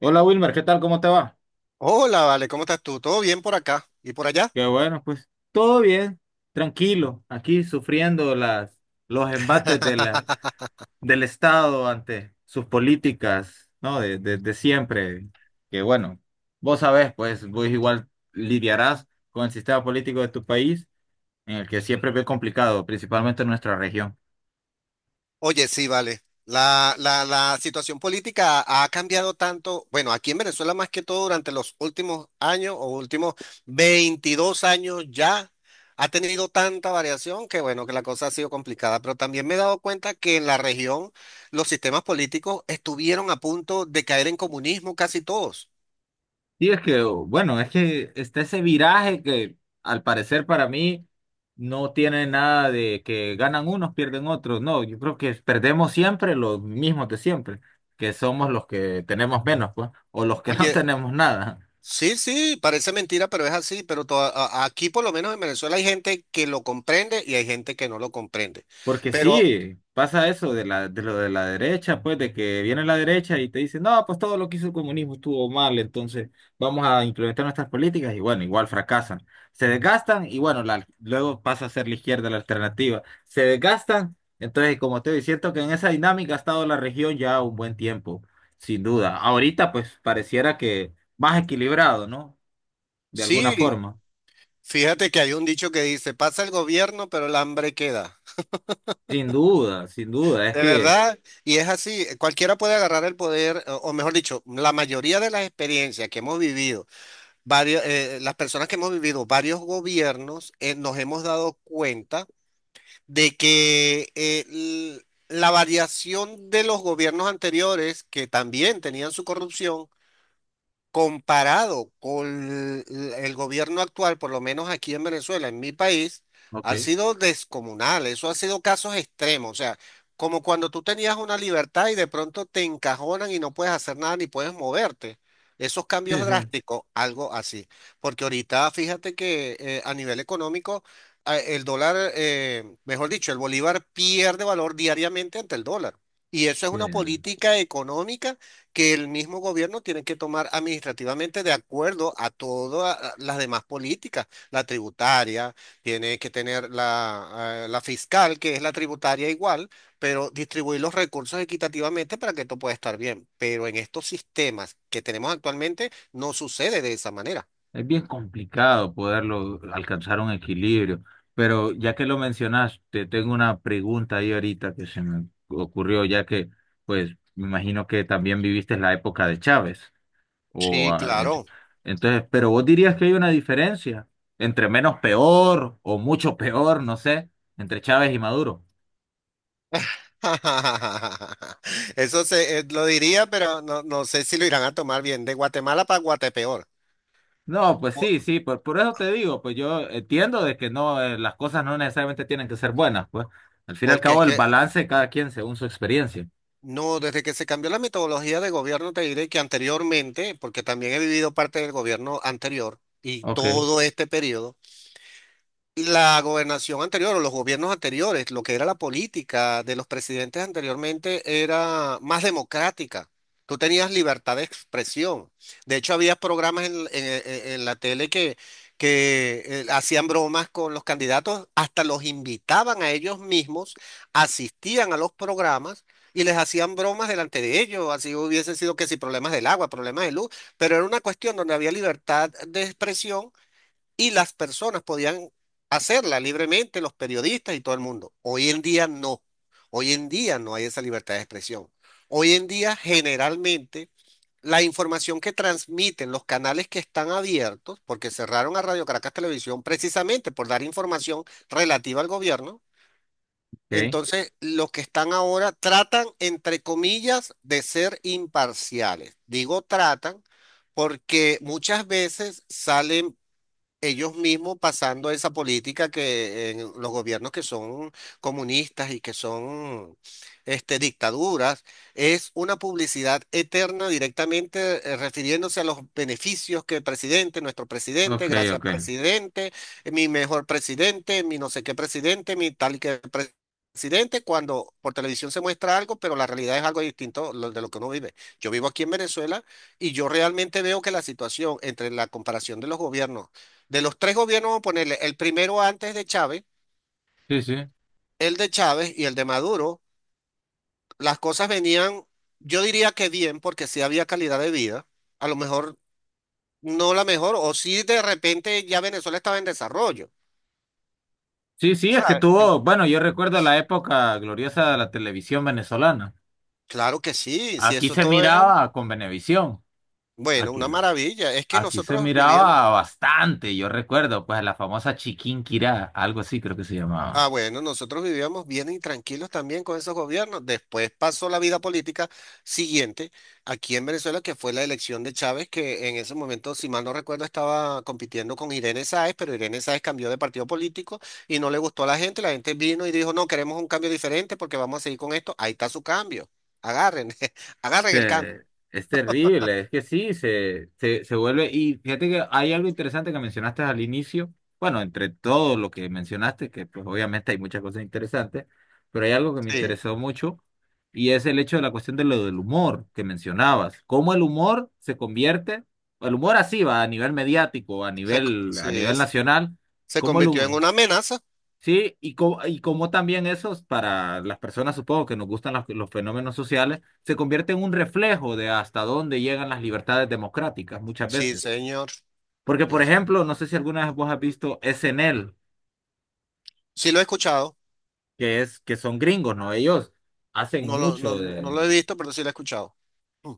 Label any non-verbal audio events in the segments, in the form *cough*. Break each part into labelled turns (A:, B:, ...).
A: Hola Wilmer, ¿qué tal? ¿Cómo te va?
B: Hola, vale, ¿cómo estás tú? ¿Todo bien por acá y por allá?
A: Qué bueno, pues todo bien, tranquilo, aquí sufriendo los embates de
B: *laughs*
A: del Estado ante sus políticas, ¿no? De siempre. Que bueno, vos sabés, pues vos igual lidiarás con el sistema político de tu país, en el que siempre es bien complicado, principalmente en nuestra región.
B: Oye, sí, vale. La situación política ha cambiado tanto, bueno, aquí en Venezuela más que todo durante los últimos años o últimos 22 años ya ha tenido tanta variación que bueno, que la cosa ha sido complicada, pero también me he dado cuenta que en la región los sistemas políticos estuvieron a punto de caer en comunismo casi todos.
A: Y es que, bueno, es que está ese viraje que al parecer para mí no tiene nada de que ganan unos, pierden otros. No, yo creo que perdemos siempre los mismos de siempre, que somos los que tenemos menos, pues, o los que *laughs* no
B: Oye,
A: tenemos nada.
B: sí, sí, parece mentira, pero es así. Pero aquí, por lo menos en Venezuela, hay gente que lo comprende y hay gente que no lo comprende.
A: Porque
B: Pero
A: sí, pasa eso de de lo de la derecha, pues, de que viene la derecha y te dice, no, pues todo lo que hizo el comunismo estuvo mal, entonces vamos a implementar nuestras políticas y bueno, igual fracasan. Se desgastan y bueno, luego pasa a ser la izquierda la alternativa. Se desgastan, entonces como te digo, siento que en esa dinámica ha estado la región ya un buen tiempo, sin duda. Ahorita pues pareciera que más equilibrado, ¿no? De alguna
B: sí,
A: forma.
B: fíjate que hay un dicho que dice, pasa el gobierno, pero el hambre queda.
A: Sin duda, sin duda, es
B: De
A: que...
B: verdad, y es así, cualquiera puede agarrar el poder, o mejor dicho, la mayoría de las experiencias que hemos vivido, varios, las personas que hemos vivido varios gobiernos, nos hemos dado cuenta de que la variación de los gobiernos anteriores, que también tenían su corrupción, comparado con el gobierno actual, por lo menos aquí en Venezuela, en mi país,
A: Ok,
B: ha sido descomunal. Eso ha sido casos extremos. O sea, como cuando tú tenías una libertad y de pronto te encajonan y no puedes hacer nada ni puedes moverte. Esos cambios
A: sí, sí.
B: drásticos, algo así. Porque ahorita fíjate que a nivel económico, el dólar, mejor dicho, el bolívar pierde valor diariamente ante el dólar. Y eso es
A: Sí.
B: una política económica que el mismo gobierno tiene que tomar administrativamente de acuerdo a todas las demás políticas, la tributaria, tiene que tener la la fiscal, que es la tributaria igual, pero distribuir los recursos equitativamente para que esto pueda estar bien. Pero en estos sistemas que tenemos actualmente no sucede de esa manera.
A: Es bien complicado poderlo alcanzar un equilibrio, pero ya que lo mencionas, te tengo una pregunta ahí ahorita que se me ocurrió, ya que pues me imagino que también viviste la época de Chávez o
B: Sí, claro.
A: entonces, pero vos dirías que hay una diferencia entre menos peor o mucho peor, no sé, entre Chávez y Maduro.
B: *laughs* Eso lo diría, pero no, no sé si lo irán a tomar bien, de Guatemala para Guatepeor.
A: No, pues
B: Po-
A: sí, sí, por eso te digo, pues yo entiendo de que no, las cosas no necesariamente tienen que ser buenas, pues al fin y al
B: Porque es
A: cabo el
B: que
A: balance de cada quien según su experiencia.
B: no, desde que se cambió la metodología de gobierno, te diré que anteriormente, porque también he vivido parte del gobierno anterior y
A: Ok,
B: todo este periodo. La gobernación anterior o los gobiernos anteriores, lo que era la política de los presidentes anteriormente era más democrática. Tú tenías libertad de expresión. De hecho, había programas en la tele que, que hacían bromas con los candidatos, hasta los invitaban a ellos mismos, asistían a los programas y les hacían bromas delante de ellos. Así hubiesen sido que si problemas del agua, problemas de luz, pero era una cuestión donde había libertad de expresión y las personas podían hacerla libremente, los periodistas y todo el mundo. Hoy en día no. Hoy en día no hay esa libertad de expresión. Hoy en día generalmente la información que transmiten los canales que están abiertos, porque cerraron a Radio Caracas Televisión precisamente por dar información relativa al gobierno,
A: ok,
B: entonces los que están ahora tratan, entre comillas, de ser imparciales. Digo tratan porque muchas veces salen ellos mismos pasando esa política que en los gobiernos que son comunistas y que son este, dictaduras, es una publicidad eterna directamente refiriéndose a los beneficios que el presidente, nuestro
A: ok,
B: presidente, gracias
A: ok.
B: presidente, mi mejor presidente, mi no sé qué presidente, mi tal y que pre- presidente, cuando por televisión se muestra algo, pero la realidad es algo distinto de lo que uno vive. Yo vivo aquí en Venezuela y yo realmente veo que la situación entre la comparación de los gobiernos de los 3 gobiernos, vamos a ponerle el primero antes de Chávez,
A: Sí, sí.
B: el de Chávez y el de Maduro, las cosas venían, yo diría que bien, porque sí había calidad de vida, a lo mejor no la mejor, o sí de repente ya Venezuela estaba en desarrollo,
A: Sí, sí, es que
B: ¿sabes?
A: tuvo, bueno, yo recuerdo la época gloriosa de la televisión venezolana.
B: Claro que sí, si
A: Aquí
B: eso
A: se
B: todo era,
A: miraba con Venevisión.
B: bueno,
A: Aquí,
B: una maravilla. Es que
A: aquí se
B: nosotros vivíamos,
A: miraba bastante, yo recuerdo, pues la famosa Chiquinquirá, algo así creo que se llamaba.
B: ah, bueno, nosotros vivíamos bien y tranquilos también con esos gobiernos. Después pasó la vida política siguiente aquí en Venezuela, que fue la elección de Chávez, que en ese momento, si mal no recuerdo, estaba compitiendo con Irene Sáez, pero Irene Sáez cambió de partido político y no le gustó a la gente. La gente vino y dijo, no, queremos un cambio diferente porque vamos a seguir con esto. Ahí está su cambio. Agarren, *laughs* agarren el cambio.
A: Eh, es terrible, es que sí, se vuelve. Y fíjate que hay algo interesante que mencionaste al inicio. Bueno, entre todo lo que mencionaste, que pues obviamente hay muchas cosas interesantes, pero hay algo que me
B: Sí,
A: interesó mucho y es el hecho de la cuestión de lo del humor que mencionabas. Cómo el humor se convierte, el humor así va a nivel mediático,
B: se,
A: a nivel
B: sí,
A: nacional,
B: se
A: cómo el
B: convirtió en
A: humor,
B: una amenaza.
A: sí, y, y como también esos, para las personas supongo que nos gustan los fenómenos sociales, se convierte en un reflejo de hasta dónde llegan las libertades democráticas muchas
B: Sí,
A: veces.
B: señor.
A: Porque, por
B: Eso.
A: ejemplo, no sé si alguna vez vos has visto SNL,
B: Sí, lo he escuchado.
A: que es, que son gringos, ¿no? Ellos hacen
B: No lo, no,
A: mucho
B: no
A: de...
B: lo he visto, pero sí lo he escuchado. Mm.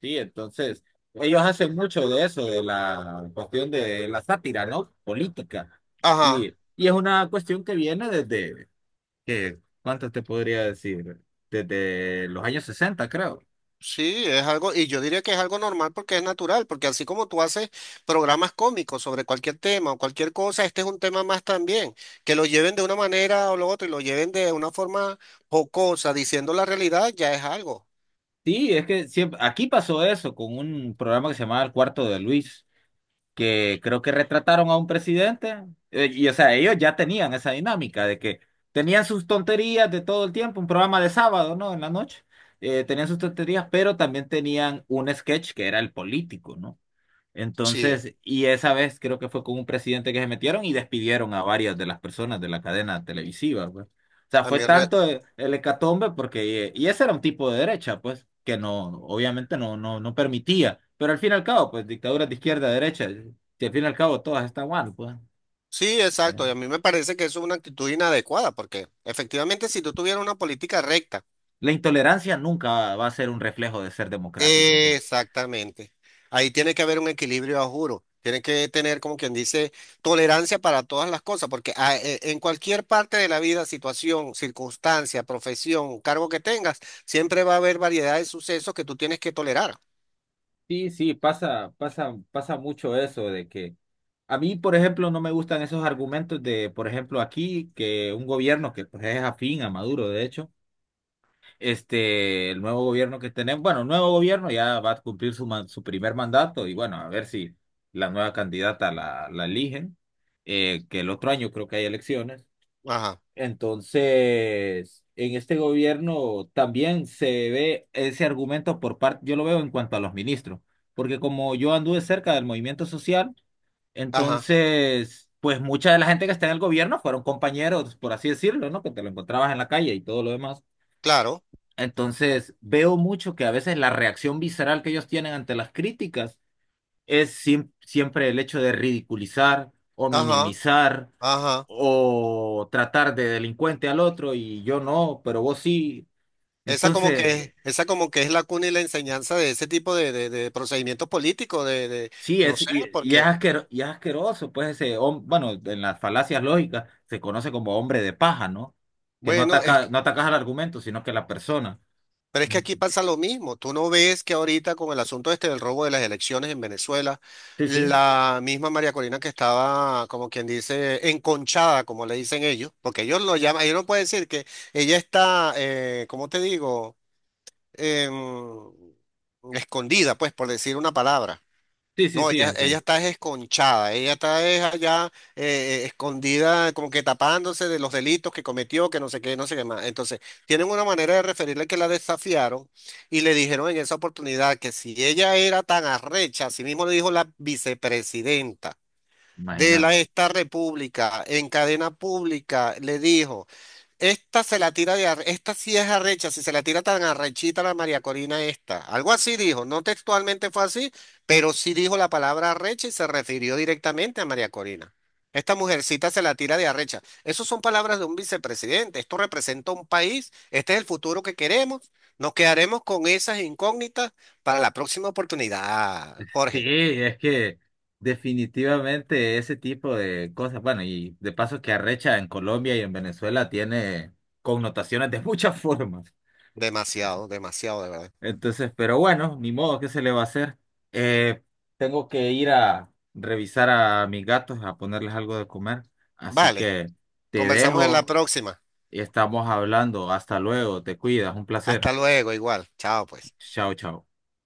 A: Sí, entonces, ellos hacen mucho de eso, de la cuestión de la sátira, ¿no? Política.
B: Ajá,
A: Y es una cuestión que viene desde ¿qué? ¿Cuántas te podría decir? Desde los años 60, creo.
B: sí, es algo, y yo diría que es algo normal porque es natural, porque así como tú haces programas cómicos sobre cualquier tema o cualquier cosa, este es un tema más también, que lo lleven de una manera o lo otro y lo lleven de una forma jocosa, diciendo la realidad, ya es algo.
A: Sí, es que siempre, aquí pasó eso con un programa que se llamaba El Cuarto de Luis, que creo que retrataron a un presidente, y o sea, ellos ya tenían esa dinámica de que tenían sus tonterías de todo el tiempo, un programa de sábado, ¿no? En la noche, tenían sus tonterías, pero también tenían un sketch que era el político, ¿no?
B: Sí,
A: Entonces, y esa vez creo que fue con un presidente que se metieron y despidieron a varias de las personas de la cadena televisiva, pues. O sea,
B: a
A: fue
B: mí re-
A: tanto el hecatombe porque, y ese era un tipo de derecha, pues, que no, obviamente no permitía. Pero al fin y al cabo, pues, dictaduras de izquierda a derecha, si al fin y al cabo todas están mal, pues.
B: sí, exacto,
A: eh.
B: y a mí me parece que eso es una actitud inadecuada, porque efectivamente si tú tuvieras una política recta...
A: La intolerancia nunca va a ser un reflejo de ser democrático, pues.
B: Exactamente. Ahí tiene que haber un equilibrio, a juro. Tiene que tener, como quien dice, tolerancia para todas las cosas, porque en cualquier parte de la vida, situación, circunstancia, profesión, cargo que tengas, siempre va a haber variedad de sucesos que tú tienes que tolerar.
A: Sí, sí, pasa mucho eso de que a mí, por ejemplo, no me gustan esos argumentos de, por ejemplo, aquí que un gobierno que pues, es afín a Maduro, de hecho, este, el nuevo gobierno que tenemos, bueno, el nuevo gobierno ya va a cumplir su, su primer mandato y bueno, a ver si la nueva candidata la eligen, que el otro año creo que hay elecciones.
B: Ajá,
A: Entonces, en este gobierno también se ve ese argumento por parte, yo lo veo en cuanto a los ministros, porque como yo anduve cerca del movimiento social,
B: ajá,
A: entonces, pues mucha de la gente que está en el gobierno fueron compañeros, por así decirlo, ¿no? Que te lo encontrabas en la calle y todo lo demás.
B: claro,
A: Entonces, veo mucho que a veces la reacción visceral que ellos tienen ante las críticas es siempre el hecho de ridiculizar o
B: ajá,
A: minimizar
B: ajá.
A: o tratar de delincuente al otro y yo no, pero vos sí. Entonces,
B: Esa como que es la cuna y la enseñanza de ese tipo de procedimientos políticos,
A: sí,
B: no sé,
A: y es
B: porque,
A: y es asqueroso, pues ese, bueno, en las falacias lógicas se conoce como hombre de paja, ¿no? Que no
B: bueno, es
A: ataca,
B: que...
A: no atacas al argumento, sino que a la persona.
B: Pero es que aquí pasa lo mismo. Tú no ves que ahorita con el asunto este del robo de las elecciones en Venezuela,
A: Sí, sí,
B: la misma María Corina que estaba, como quien dice, enconchada, como le dicen ellos, porque ellos lo llaman, ellos no pueden decir que ella está, ¿cómo te digo? Em, escondida, pues, por decir una palabra.
A: sí, sí,
B: No,
A: sí,
B: ella
A: entiendo.
B: está esconchada, ella está es allá escondida, como que tapándose de los delitos que cometió, que no sé qué, no sé qué más. Entonces, tienen una manera de referirle que la desafiaron y le dijeron en esa oportunidad que si ella era tan arrecha, así mismo le dijo la vicepresidenta de la,
A: Imagínate.
B: esta república en cadena pública, le dijo. Esta sí es arrecha, si se la tira tan arrechita la María Corina esta. Algo así dijo, no textualmente fue así, pero sí dijo la palabra arrecha y se refirió directamente a María Corina. Esta mujercita se la tira de arrecha. Esas son palabras de un vicepresidente. Esto representa un país. Este es el futuro que queremos. Nos quedaremos con esas incógnitas para la próxima oportunidad.
A: Sí,
B: Jorge,
A: es que definitivamente ese tipo de cosas, bueno, y de paso que arrecha en Colombia y en Venezuela tiene connotaciones de muchas formas.
B: demasiado, demasiado de verdad.
A: Entonces, pero bueno, ni modo, ¿qué se le va a hacer? Eh, tengo que ir a revisar a mis gatos, a ponerles algo de comer. Así
B: Vale,
A: que te
B: conversamos en la
A: dejo
B: próxima.
A: y estamos hablando. Hasta luego, te cuidas, un placer.
B: Hasta luego, igual. Chao, pues.
A: Chao, chao.